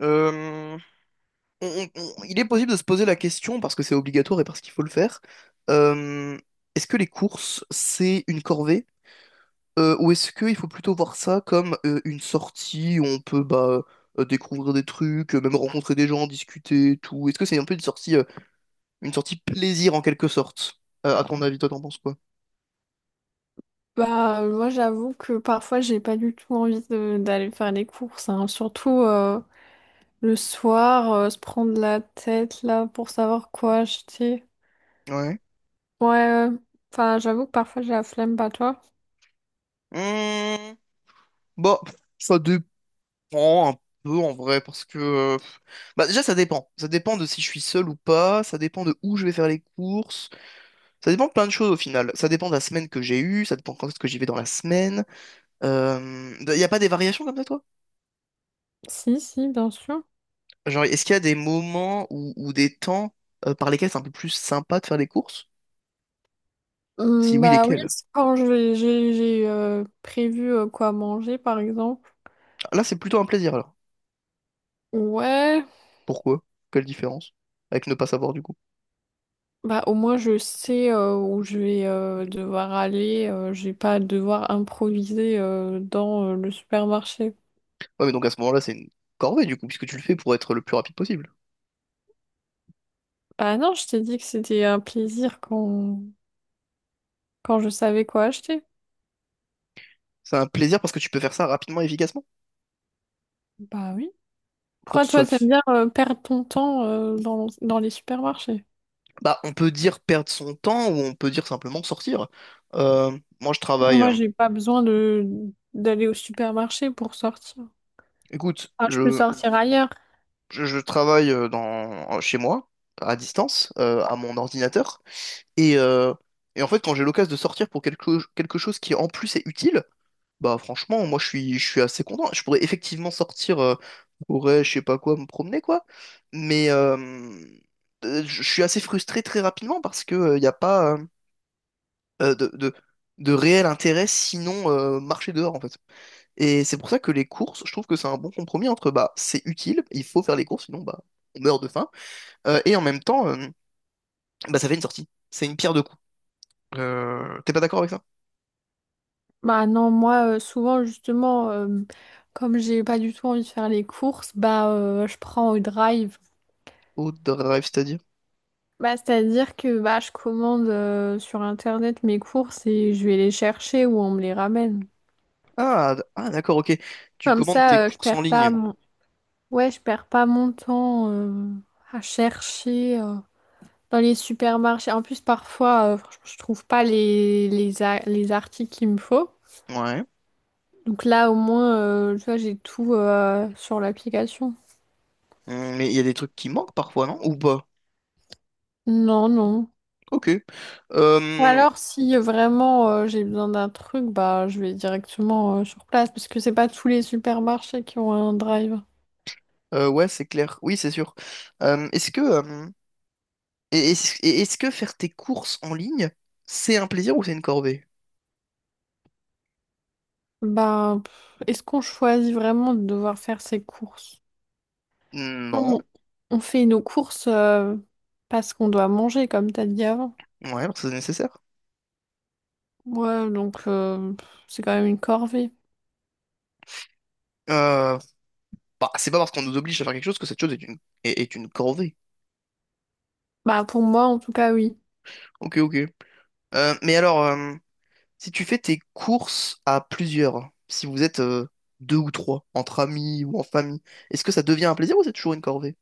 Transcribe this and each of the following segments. Euh, on- on- il est possible de se poser la question, parce que c'est obligatoire et parce qu'il faut le faire, euh, est-ce que les courses, c'est une corvée, ou est-ce qu'il faut plutôt voir ça comme une sortie où on peut bah, découvrir des trucs, même rencontrer des gens, discuter, tout? Est-ce que c'est un peu une sortie plaisir en quelque sorte? À ton avis, toi, t'en penses quoi? Bah, moi, j'avoue que parfois, j'ai pas du tout envie d'aller faire les courses, hein. Surtout le soir, se prendre la tête là pour savoir quoi acheter. Ouais. Ouais, euh, enfin, j'avoue que parfois, j'ai la flemme, pas toi? Hmm, Bah, ça dépend un peu en vrai. Bah déjà ça dépend. Ça dépend de si je suis seul ou pas, ça dépend de où je vais faire les courses, ça dépend de plein de choses au final. Ça dépend de la semaine que j'ai eue, ça dépend quand est-ce que j'y vais dans la semaine. Y a pas des variations comme ça, toi? Si, si, bien sûr. Genre est-ce qu'il y a des moments ou des temps par lesquels c'est un peu plus sympa de faire les courses? Si oui, Bah oui, lesquels? c'est quand j'ai, prévu quoi manger, par exemple. Ah, là c'est plutôt un plaisir alors. Ouais, Pourquoi? Quelle différence? Avec ne pas savoir du coup. bah au moins, je sais où je vais devoir aller. J'ai pas à devoir improviser dans le supermarché. Ouais, mais donc à ce moment-là c'est une corvée du coup, puisque tu le fais pour être le plus rapide possible. Bah non, je t'ai dit que c'était un plaisir quand, quand je savais quoi acheter. C'est un plaisir parce que tu peux faire ça rapidement et efficacement. Bah oui. Pour Pourquoi que ce toi, soit t'aimes bien perdre ton temps dans, dans les supermarchés? Bah, on peut dire perdre son temps ou on peut dire simplement sortir. Moi, je Non, travaille. Moi, j'ai pas besoin de d'aller au supermarché pour sortir. Écoute, Ah, je peux je, sortir ailleurs. je, je travaille chez moi, à distance, à mon ordinateur. Et, euh, et en fait, quand j'ai l'occasion de sortir pour quelque chose qui en plus est utile, bah franchement, moi je suis assez content. Je pourrais effectivement sortir, pourrais, je sais pas quoi, me promener quoi. Mais je suis assez frustré très rapidement parce que il n'y a pas, euh, de, de, de réel intérêt, sinon marcher dehors en fait. Et c'est pour ça que les courses, je trouve que c'est un bon compromis entre bah c'est utile, il faut faire les courses, sinon bah on meurt de faim, et en même temps, bah ça fait une sortie. C'est une pierre de coups. T'es pas d'accord avec ça? Bah non, moi, souvent, justement, comme j'ai pas du tout envie de faire les courses, bah je prends au drive. Au drive, c'est-à-dire? Bah, c'est-à-dire que bah, je commande sur Internet mes courses et je vais les chercher ou on me les ramène. Ah, ah d'accord, ok. Tu Comme commandes tes ça, je courses en perds pas ligne. mon, ouais, je perds pas mon temps à chercher dans les supermarchés. En plus, parfois, franchement, je trouve pas les, les, les articles qu'il me faut. Ouais. Donc là, au moins, tu vois, j'ai tout sur l'application. Mais il y a des trucs qui manquent parfois, non? Ou pas? Non, non. Ok. Ou Euh, alors, si vraiment j'ai besoin d'un truc, bah, je vais directement sur place parce que c'est pas tous les supermarchés qui ont un drive. Ouais, c'est clair. Oui, c'est sûr. Est-ce que et est-ce que faire tes courses en ligne, c'est un plaisir ou c'est une corvée? Bah, pff, est-ce qu'on choisit vraiment de devoir faire ses courses? Quand Non. on fait nos courses parce qu'on doit manger, comme t'as dit avant. Ouais, parce que c'est nécessaire. Ouais, donc c'est quand même une corvée. Euh, Bah, c'est pas parce qu'on nous oblige à faire quelque chose que cette chose est une corvée. Bah pour moi en tout cas oui. Ok, ok. Mais alors, si tu fais tes courses à plusieurs, si vous êtes deux ou trois, entre amis ou en famille, est-ce que ça devient un plaisir ou c'est toujours une corvée?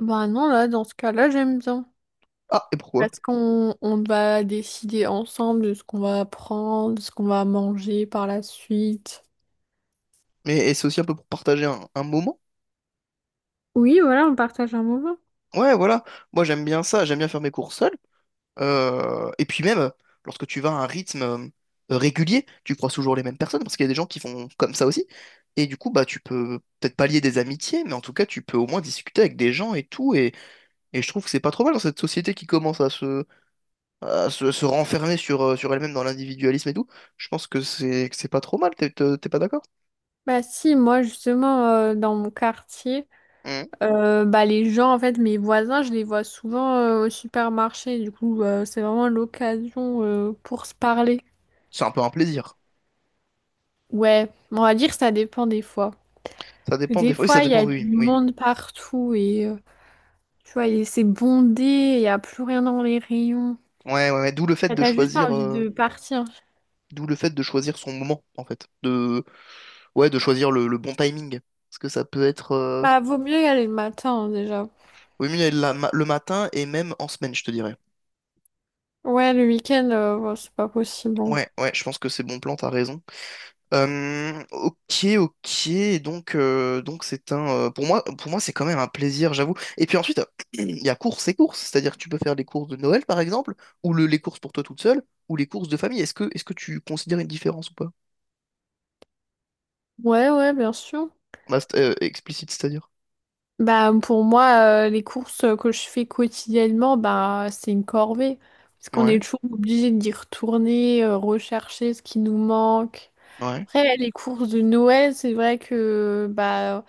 Bah non, là dans ce cas-là j'aime bien. Ah, et pourquoi? Parce qu'on on va décider ensemble de ce qu'on va prendre, de ce qu'on va manger par la suite. Mais et c'est aussi un peu pour partager un moment? Oui, voilà, on partage un moment. Ouais, voilà. Moi, j'aime bien ça. J'aime bien faire mes courses seul. Et puis même, lorsque tu vas à un rythme régulier, tu croises toujours les mêmes personnes, parce qu'il y a des gens qui font comme ça aussi. Et du coup, bah, tu peux peut-être pas lier des amitiés, mais en tout cas, tu peux au moins discuter avec des gens et tout. Et je trouve que c'est pas trop mal dans cette société qui commence se renfermer sur elle-même dans l'individualisme et tout. Je pense que c'est pas trop mal, t'es pas d'accord? Bah si, moi justement dans mon quartier. Mhm. Bah, les gens, en fait, mes voisins, je les vois souvent au supermarché. Du coup, c'est vraiment l'occasion pour se parler. C'est un peu un plaisir. Ouais, on va dire que ça dépend des fois. Ça dépend Des des fois. Oui, ça fois, il y dépend, a oui, du oui. monde partout et tu vois, et c'est bondé, il n'y a plus rien dans les rayons. Ouais, ouais, ouais. Et t'as juste envie de partir. D'où le fait de choisir son moment, en fait. De Ouais, de choisir le bon timing. Parce que ça peut être Bah, vaut mieux y aller le matin, hein, déjà. oui, mieux le matin et même en semaine, je te dirais. Ouais, le week-end, bon, c'est pas possible. Bon. Ouais, ouais, je pense que c'est bon plan, t'as raison. Ok, ok, donc c'est un pour moi c'est quand même un plaisir, j'avoue. Et puis ensuite, il y a courses et courses, c'est-à-dire que tu peux faire les courses de Noël par exemple, ou les courses pour toi toute seule, ou les courses de famille. Est-ce que tu considères une différence ou pas? Ouais, ouais, bien sûr. Bah, explicite, c'est-à-dire. Bah, pour moi, les courses que je fais quotidiennement, bah, c'est une corvée. Parce qu'on Ouais, est toujours obligé d'y retourner, rechercher ce qui nous manque. ouais. Après, les courses de Noël, c'est vrai que bah,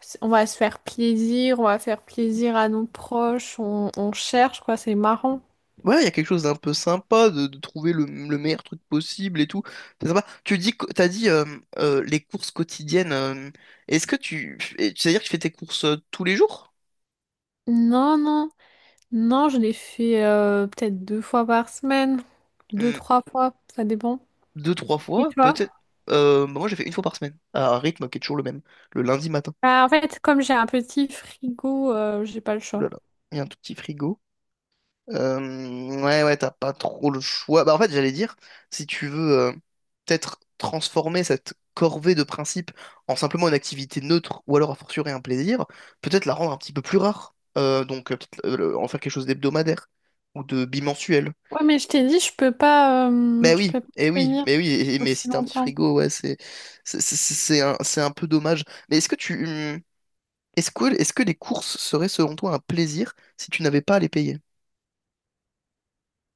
on va se faire plaisir, on va faire plaisir à nos proches, on cherche, quoi, c'est marrant. Ouais, il y a quelque chose d'un peu sympa de trouver le meilleur truc possible et tout. C'est sympa. T'as dit les courses quotidiennes. Est-ce que c'est-à-dire que tu fais tes courses tous les jours? Non, non, non, je les fais peut-être deux fois par semaine, deux, Hmm, trois fois, ça dépend. Deux, trois Et fois, toi? peut-être. Bah moi, j'ai fait une fois par semaine, à un rythme qui est toujours le même, le lundi matin. Bah, en fait, comme j'ai un petit frigo, j'ai pas le Ouh choix. là là, il y a un tout petit frigo. Ouais, ouais, t'as pas trop le choix. Bah, en fait, j'allais dire, si tu veux peut-être transformer cette corvée de principes en simplement une activité neutre ou alors a fortiori un plaisir, peut-être la rendre un petit peu plus rare. Donc, peut-être en faire quelque chose d'hebdomadaire ou de bimensuel. Ouais, mais je t'ai dit, Mais je oui, peux pas et oui, tenir mais oui, eh, mais aussi si t'as un petit longtemps. frigo, ouais, c'est un peu dommage. Mais est-ce que tu. Est-ce que les courses seraient selon toi un plaisir si tu n'avais pas à les payer?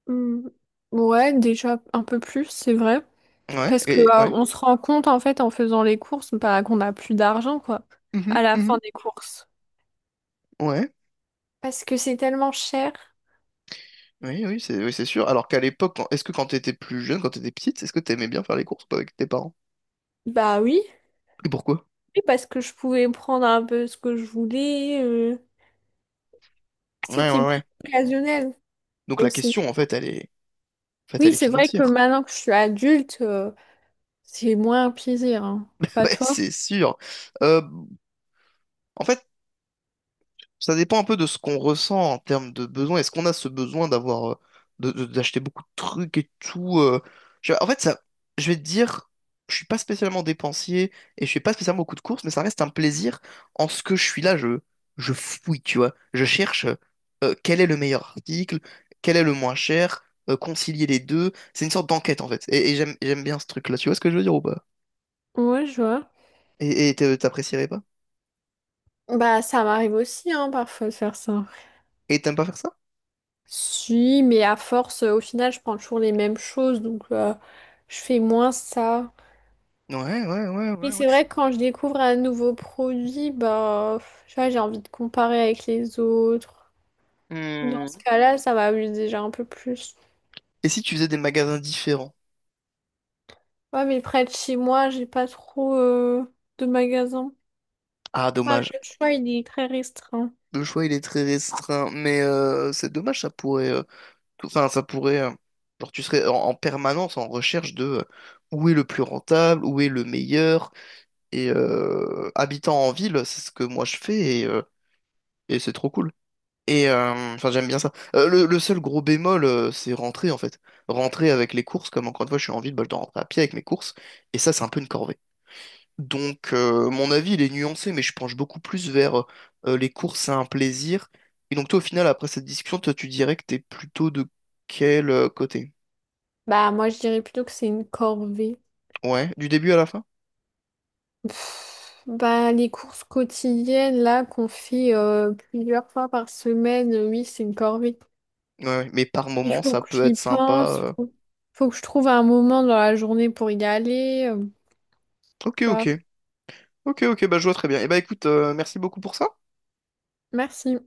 Hmm. Ouais, déjà un peu plus, c'est vrai. Ouais, Parce que, et ouais. on se rend compte, en fait, en faisant les courses, bah, qu'on n'a plus d'argent, quoi, à Mhm, la fin mhm, des courses. ouais. Parce que c'est tellement cher. Oui, oui, c'est sûr. Alors qu'à l'époque, est-ce que quand t'étais plus jeune, quand t'étais petite, est-ce que t'aimais bien faire les courses ou pas avec tes parents? Bah oui. Et pourquoi? Oui, parce que je pouvais prendre un peu ce que je voulais. Ouais, C'était ouais, plus ouais. occasionnel Donc la aussi. question, en fait, elle est, en fait, Oui, elle est c'est vrai que financière. maintenant que je suis adulte, c'est moins un plaisir, hein. Pas Ouais, toi? c'est sûr. Euh, En fait, ça dépend un peu de ce qu'on ressent en termes de besoin. Est-ce qu'on a ce besoin d'avoir, d'acheter beaucoup de trucs et tout en fait, ça, je vais te dire, je suis pas spécialement dépensier et je fais pas spécialement beaucoup de courses, mais ça reste un plaisir. En ce que je suis là, je fouille, tu vois. Je cherche quel est le meilleur article, quel est le moins cher, concilier les deux. C'est une sorte d'enquête en fait. Et j'aime bien ce truc-là. Tu vois ce que je veux dire ou pas? Ouais, je vois. Et t'apprécierais pas? Bah, ça m'arrive aussi, hein, parfois de faire ça. Et t'aimes pas faire ça? Si, mais à force, au final, je prends toujours les mêmes choses, donc je fais moins ça. Ouais, ouais, ouais, Et ouais, ouais. c'est vrai que quand je découvre un nouveau produit, bah, tu vois, j'ai envie de comparer avec les autres. Dans Hmm. ce cas-là, ça m'amuse déjà un peu plus. Et si tu faisais des magasins différents? Ouais, mais près de chez moi, j'ai pas trop de magasins. Ah, Enfin, dommage. le choix, il est très restreint. Le choix, il est très restreint, mais c'est dommage, enfin, ça pourrait, genre, tu serais en permanence en recherche de où est le plus rentable, où est le meilleur, habitant en ville, c'est ce que moi je fais, et c'est trop cool. Enfin, j'aime bien ça. Le seul gros bémol, c'est rentrer, en fait. Rentrer avec les courses, comme encore une fois, je suis en ville, bah, je dois rentrer à pied avec mes courses, et ça, c'est un peu une corvée. Donc, mon avis, il est nuancé, mais je penche beaucoup plus vers les courses, c'est un plaisir. Et donc, toi, au final, après cette discussion, toi, tu dirais que t'es plutôt de quel côté? Bah, moi, je dirais plutôt que c'est une corvée. Ouais, du début à la fin? Pff, bah, les courses quotidiennes là qu'on fait plusieurs fois par semaine, oui, c'est une corvée. Ouais, ouais. Mais par Il moment, faut ça que peut être j'y sympa. pense, faut, faut que je trouve un moment dans la journée pour y aller, Ok, tu vois. ok. Ok, ok, bah je vois très bien. Et bah écoute, merci beaucoup pour ça. Merci.